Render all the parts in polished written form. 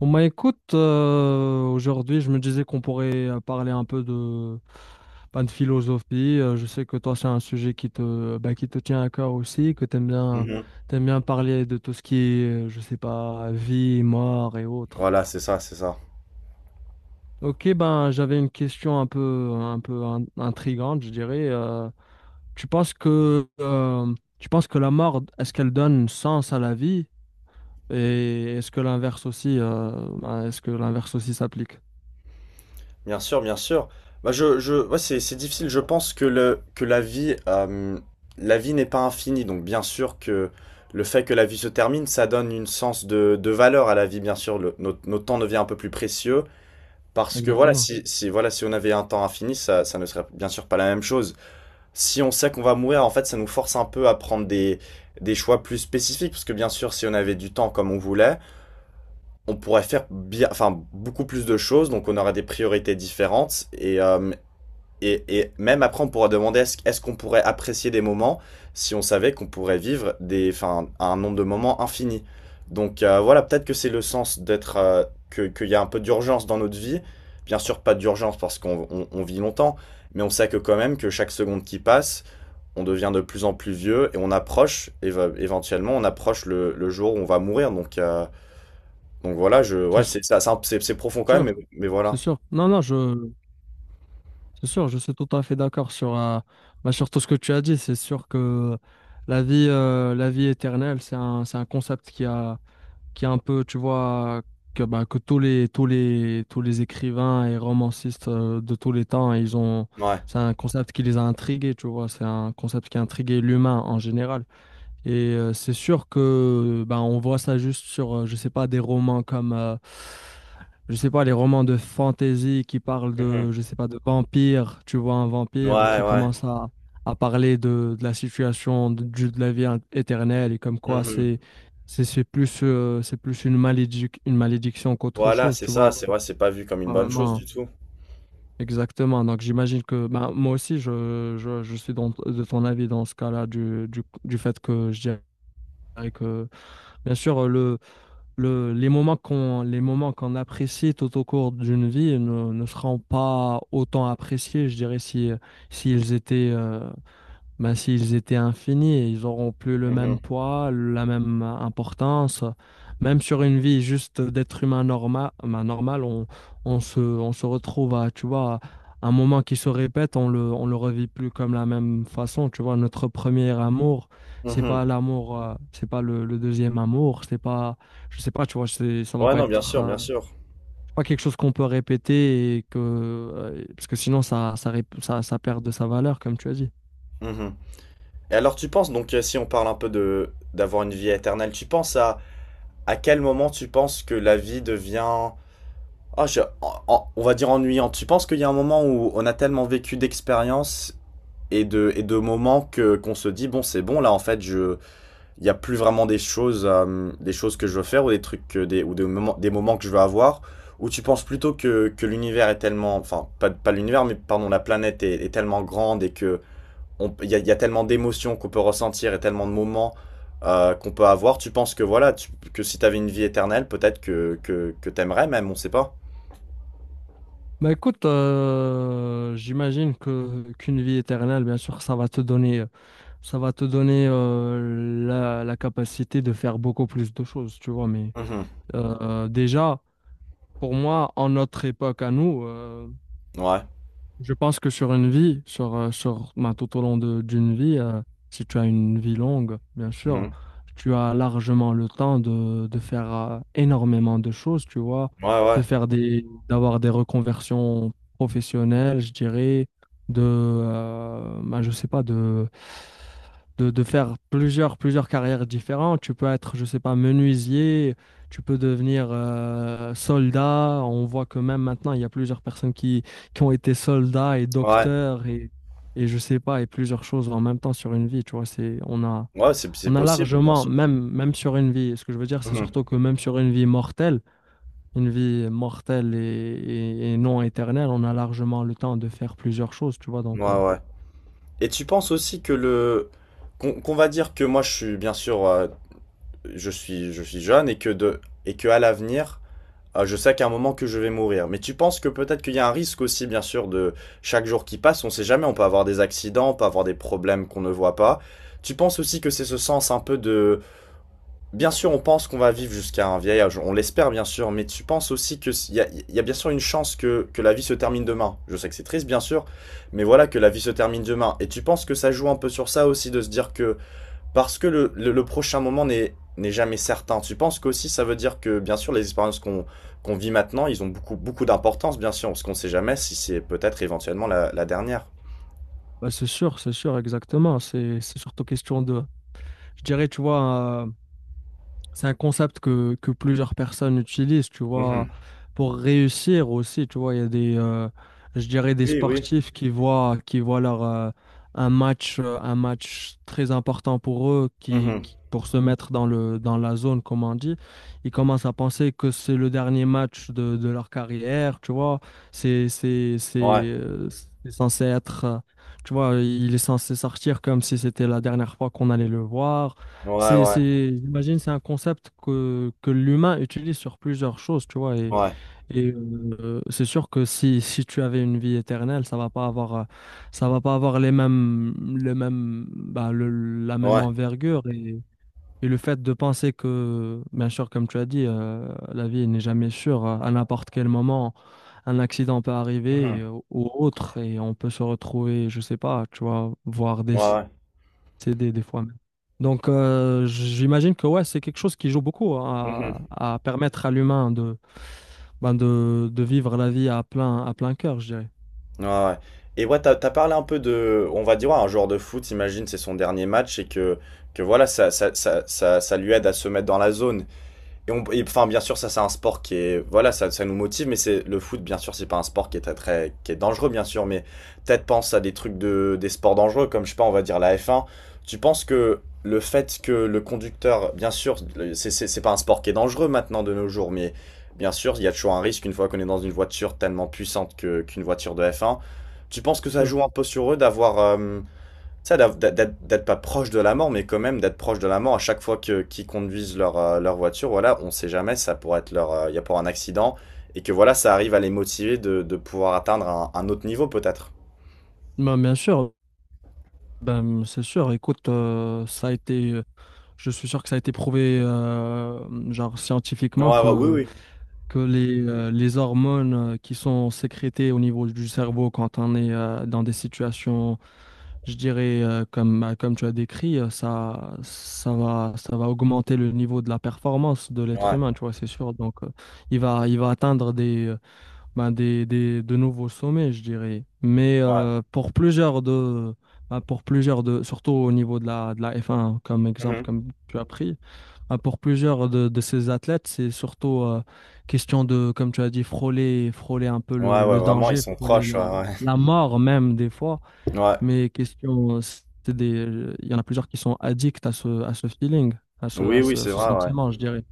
Bon bah écoute, aujourd'hui je me disais qu'on pourrait parler un peu de, bah, de philosophie. Je sais que toi c'est un sujet qui te, bah, qui te tient à cœur aussi, que Mhm. t'aimes bien parler de tout ce qui est, je sais pas, vie, mort et autres. Voilà, c'est ça, c'est ça. Ok, ben j'avais une question un peu, intrigante, je dirais. Tu penses que, tu penses que la mort, est-ce qu'elle donne sens à la vie? Et est-ce que l'inverse aussi, ben, est-ce que l'inverse aussi s'applique? Bien sûr, bien sûr. Bah, je, ouais, c'est difficile. Je pense que la vie n'est pas infinie. Donc, bien sûr que le fait que la vie se termine, ça donne une sens de valeur à la vie. Bien sûr, notre temps devient un peu plus précieux parce que voilà, Exactement. si, si, voilà, si on avait un temps infini, ça ne serait bien sûr pas la même chose. Si on sait qu'on va mourir, en fait, ça nous force un peu à prendre des choix plus spécifiques parce que bien sûr, si on avait du temps comme on voulait, on pourrait faire enfin, beaucoup plus de choses, donc on aura des priorités différentes. Et même après, on pourra demander est-ce qu'on pourrait apprécier des moments si on savait qu'on pourrait vivre enfin, un nombre de moments infini. Donc voilà, peut-être que c'est le sens d'être, qu'il y a un peu d'urgence dans notre vie. Bien sûr, pas d'urgence parce qu'on vit longtemps, mais on sait que quand même que chaque seconde qui passe, on devient de plus en plus vieux et on approche, éventuellement, on approche le jour où on va mourir. Donc voilà, ouais, C'est c'est ça, c'est profond quand même, sûr. mais C'est voilà. sûr. Non, non, je, c'est sûr, je suis tout à fait d'accord sur, bah, sur tout ce que tu as dit. C'est sûr que la vie éternelle, c'est un concept qui a, qui est un peu, tu vois, que, bah, que tous les écrivains et romancistes de tous les temps, ils ont, Ouais. c'est un concept qui les a intrigués, tu vois, c'est un concept qui a intrigué l'humain en général. Et c'est sûr que ben, on voit ça juste sur, je sais pas, des romans comme, je sais pas, les romans de fantasy qui parlent Mhm. de, je sais pas, de vampires. Tu vois un vampire Ouais, qui ouais. commence à parler de la situation de, de la éternelle et comme quoi Mhm. C'est plus une une malédiction qu'autre Voilà, chose. c'est Tu ça, vois, c'est ouais, c'est pas vu comme une pas bonne chose vraiment. du tout. Exactement. Donc j'imagine que ben, moi aussi je suis de ton avis dans ce cas-là du fait que je dirais que bien sûr, le, les moments qu'on apprécie tout au cours d'une vie ne, ne seront pas autant appréciés, je dirais, si, s'ils étaient, ben, s'ils étaient infinis, ils auront plus le Mhm. même poids, la même importance. Même sur une vie juste d'être humain normal, normal on se retrouve à, tu vois, un moment qui se répète, on le revit plus comme la même façon. Tu vois, notre premier amour, c'est pas Mhm. l'amour, c'est pas le, le deuxième amour, c'est pas, je sais pas, tu vois, c'est, ça va Ouais, pas non, bien être, sûr, bien sûr. c'est pas quelque chose qu'on peut répéter et que, parce que sinon ça, ça, ça perd de sa valeur, comme tu as dit. Mhm. Et alors, tu penses, donc, si on parle un peu de d'avoir une vie éternelle, tu penses à quel moment tu penses que la vie devient, on va dire ennuyante. Tu penses qu'il y a un moment où on a tellement vécu d'expériences et de moments que qu'on se dit bon, c'est bon là, en fait, je il n'y a plus vraiment des choses que je veux faire ou des trucs, ou des moments que je veux avoir, où tu penses plutôt que l'univers est tellement, enfin, pas l'univers, mais pardon, la planète est tellement grande et que il y a tellement d'émotions qu'on peut ressentir et tellement de moments qu'on peut avoir. Tu penses que voilà, que si t'avais une vie éternelle, peut-être que t'aimerais même, on sait pas. Bah écoute, j'imagine que qu'une vie éternelle, bien sûr, ça va te donner, ça va te donner la, la capacité de faire beaucoup plus de choses, tu vois. Mais Mhm. Déjà, pour moi, en notre époque à nous, Ouais. je pense que sur une vie, sur, sur, ben, tout au d'une vie, si tu as une vie longue, bien sûr, Mhm. tu as largement le temps de faire énormément de choses, tu vois, Ouais, ouais. de faire des, d'avoir des reconversions professionnelles, je dirais, de, ben, je sais pas, de, de faire plusieurs, plusieurs carrières différentes. Tu peux être, je sais pas, menuisier, tu peux devenir soldat. On voit que même maintenant, il y a plusieurs personnes qui ont été soldats et Ouais. docteurs et je sais pas, et plusieurs choses en même temps sur une vie, tu vois, c'est, Ouais, c'est on a possible, bien largement, sûr. même, même sur une vie, ce que je veux dire, c'est surtout que même sur une vie mortelle et, et non éternelle, on a largement le temps de faire plusieurs choses, tu vois, Mhm. donc, Ouais, ouais. Et tu penses aussi que le qu'on qu'on va dire que moi je suis bien sûr je suis jeune et que de et que à l'avenir je sais qu'à un moment que je vais mourir. Mais tu penses que peut-être qu'il y a un risque aussi bien sûr de chaque jour qui passe, on sait jamais, on peut avoir des accidents, on peut avoir des problèmes qu'on ne voit pas. Tu penses aussi que c'est ce sens un peu de. Bien sûr, on pense qu'on va vivre jusqu'à un vieil âge, on l'espère bien sûr, mais tu penses aussi que il y a bien sûr une chance que la vie se termine demain. Je sais que c'est triste, bien sûr, mais voilà que la vie se termine demain. Et tu penses que ça joue un peu sur ça aussi, de se dire que parce que le prochain moment n'est jamais certain. Tu penses qu'aussi ça veut dire que, bien sûr, les expériences qu'on vit maintenant, ils ont beaucoup, beaucoup d'importance, bien sûr, parce qu'on ne sait jamais si c'est peut-être éventuellement la dernière. bah, c'est sûr, exactement, c'est surtout question de, je dirais, tu vois, c'est un concept que plusieurs personnes utilisent, tu vois, Mhm. pour réussir aussi, tu vois, il y a des, je dirais des Oui, oui. sportifs qui voient leur, un match très important pour eux, qui, Mhm. Pour se mettre dans le, dans la zone, comme on dit, ils commencent à penser que c'est le dernier match de leur carrière, tu vois, c'est, c'est, c'est, Ouais, euh, c'est censé être, tu vois, il est censé sortir comme si c'était la dernière fois qu'on allait le voir. ouais, ouais, C'est, j'imagine, c'est un concept que l'humain utilise sur plusieurs choses, tu vois. Ouais, Et c'est sûr que si, si tu avais une vie éternelle, ça va pas avoir, ça va pas avoir les mêmes, bah, la même ouais. envergure. Et le fait de penser que, bien sûr, comme tu as dit, la vie n'est jamais sûre. À n'importe quel moment, un accident peut arriver Mhm. Ou autre, et on peut se retrouver, je sais pas, tu vois, voir des Ouais, ouais. c'est des fois même. Donc, j'imagine que ouais, c'est quelque chose qui joue beaucoup Mhm. à permettre à l'humain de, ben de vivre la vie à plein cœur, je dirais. Ouais, ouais. Et ouais, t'as parlé un peu de, on va dire, ouais, un joueur de foot, imagine, c'est son dernier match et que voilà, ça lui aide à se mettre dans la zone. Et et, enfin, bien sûr, ça, c'est un sport qui est, voilà, ça nous motive, mais c'est le foot, bien sûr, c'est pas un sport qui est très, très, qui est dangereux, bien sûr, mais peut-être pense à des trucs des sports dangereux, comme, je sais pas, on va dire la F1. Tu penses que le fait que le conducteur, bien sûr, c'est pas un sport qui est dangereux maintenant de nos jours, mais bien sûr, il y a toujours un risque une fois qu'on est dans une voiture tellement puissante qu'une voiture de F1. Tu penses que ça Sûr. joue un peu sur eux d'avoir, ça, d'être d'être pas proche de la mort, mais quand même d'être proche de la mort à chaque fois que qu'ils conduisent leur voiture, voilà, on sait jamais, ça pourrait être il y a pour un accident, et que voilà, ça arrive à les motiver de pouvoir atteindre un autre niveau peut-être. Ben, bien sûr, ben, c'est sûr. Écoute, ça a été, je suis sûr que ça a été prouvé genre Ouais, scientifiquement ouais, oui, que oui. que les hormones qui sont sécrétées au niveau du cerveau quand on est dans des situations, je dirais, comme, comme tu as décrit, ça, ça va augmenter le niveau de la performance de l'être Ouais, humain, tu vois, c'est sûr. Donc, il va atteindre des, ben, des, de nouveaux sommets, je dirais. Mais ouais. Pour plusieurs de... ben, pour plusieurs de, surtout au niveau de la F1, comme exemple, Mhm. comme tu as pris, ah, pour plusieurs de ces athlètes, c'est surtout question de, comme tu as dit, frôler, frôler un peu Ouais, ouais, le vraiment, ils danger, sont frôler proches, ouais, la, ouais. la mort même des fois. Ouais. Mais question, c'est des, il y en a plusieurs qui sont addicts à ce feeling, Oui, à oui, ce, c'est ce vrai, ouais. sentiment, je dirais.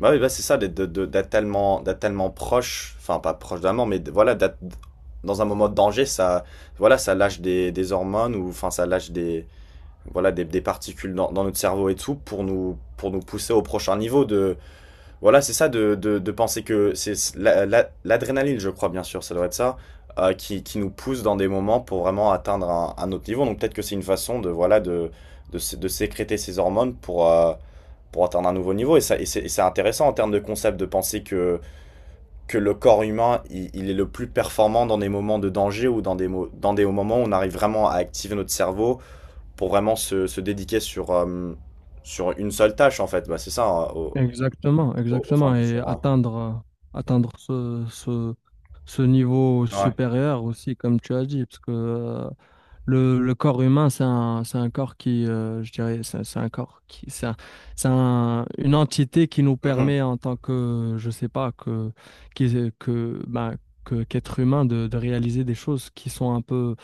Bah oui, bah c'est ça, d'être de- d'être tellement proche, enfin pas proche de la mort, mais voilà, d'être dans un moment de danger, ça, voilà, ça lâche des hormones, ou enfin ça lâche des voilà, des particules dans notre cerveau et tout pour nous pousser au prochain niveau de, voilà, c'est ça, de penser que c'est l'adrénaline, je crois, bien sûr, ça doit être ça, qui nous pousse dans des moments pour vraiment atteindre un autre niveau. Donc peut-être que c'est une façon de, voilà, de sécréter ces hormones pour atteindre un nouveau niveau. Et c'est intéressant en termes de concept de penser que le corps humain, il est le plus performant dans des moments de danger ou dans dans des moments où on arrive vraiment à activer notre cerveau pour vraiment se dédiquer sur une seule tâche, en fait. Bah, c'est ça, hein, au, Exactement, au, au fin exactement. du Et jour, hein. atteindre, atteindre ce, ce, ce niveau supérieur aussi, comme tu as dit, parce que le corps humain, c'est un corps qui, je dirais, c'est un corps qui, une entité qui nous Ouais. Mhm. permet en tant que, je sais pas, que, que, ben, que, qu'être humain de réaliser des choses qui sont un peu,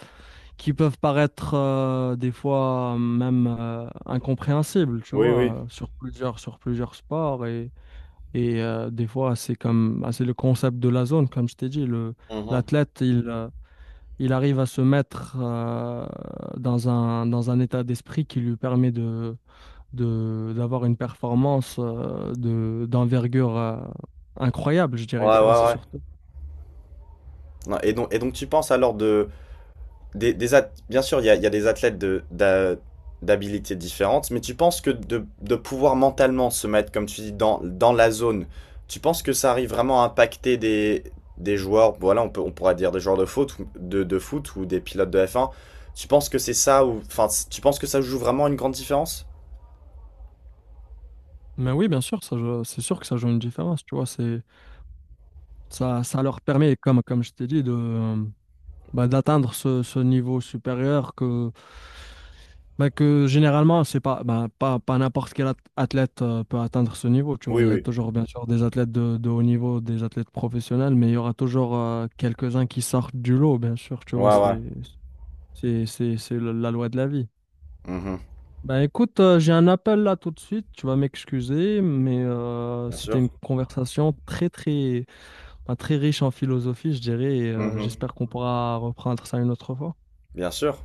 qui peuvent paraître des fois même incompréhensibles, tu Oui, oui. vois, sur plusieurs sports et des fois c'est comme, ben, c'est le concept de la zone, comme je t'ai dit, le, Mhm. l'athlète, il arrive à se mettre dans un état d'esprit qui lui permet de, d'avoir une performance de, d'envergure incroyable, je Ouais, dirais, tu vois, ouais, c'est ouais. surtout. Non, et donc, tu penses alors Bien sûr, il y a des athlètes d'habilités différentes, mais tu penses que de pouvoir mentalement se mettre, comme tu dis, dans la zone, tu penses que ça arrive vraiment à impacter des joueurs, voilà, on pourra dire des joueurs de foot, de foot ou des pilotes de F1, tu penses que c'est ça, ou, enfin, tu penses que ça joue vraiment une grande différence? Mais oui, bien sûr, ça, c'est sûr que ça joue une différence, tu vois, c'est, ça leur permet, comme, comme je t'ai dit, de, bah, d'atteindre ce, ce niveau supérieur que, bah, que généralement, c'est pas, bah, pas, pas n'importe quel athlète peut atteindre ce niveau, tu vois. Oui, Il y a oui. toujours, bien sûr, des athlètes de haut niveau, des athlètes professionnels, mais il y aura toujours quelques-uns qui sortent du lot, bien sûr, tu vois. Ouais, ouais. C'est la loi de la vie. Mhm. Bah, écoute, j'ai un appel là tout de suite, tu vas m'excuser, mais Bien c'était une sûr. conversation bah, très riche en philosophie, je dirais, et Mhm. j'espère qu'on pourra reprendre ça une autre fois. Bien sûr.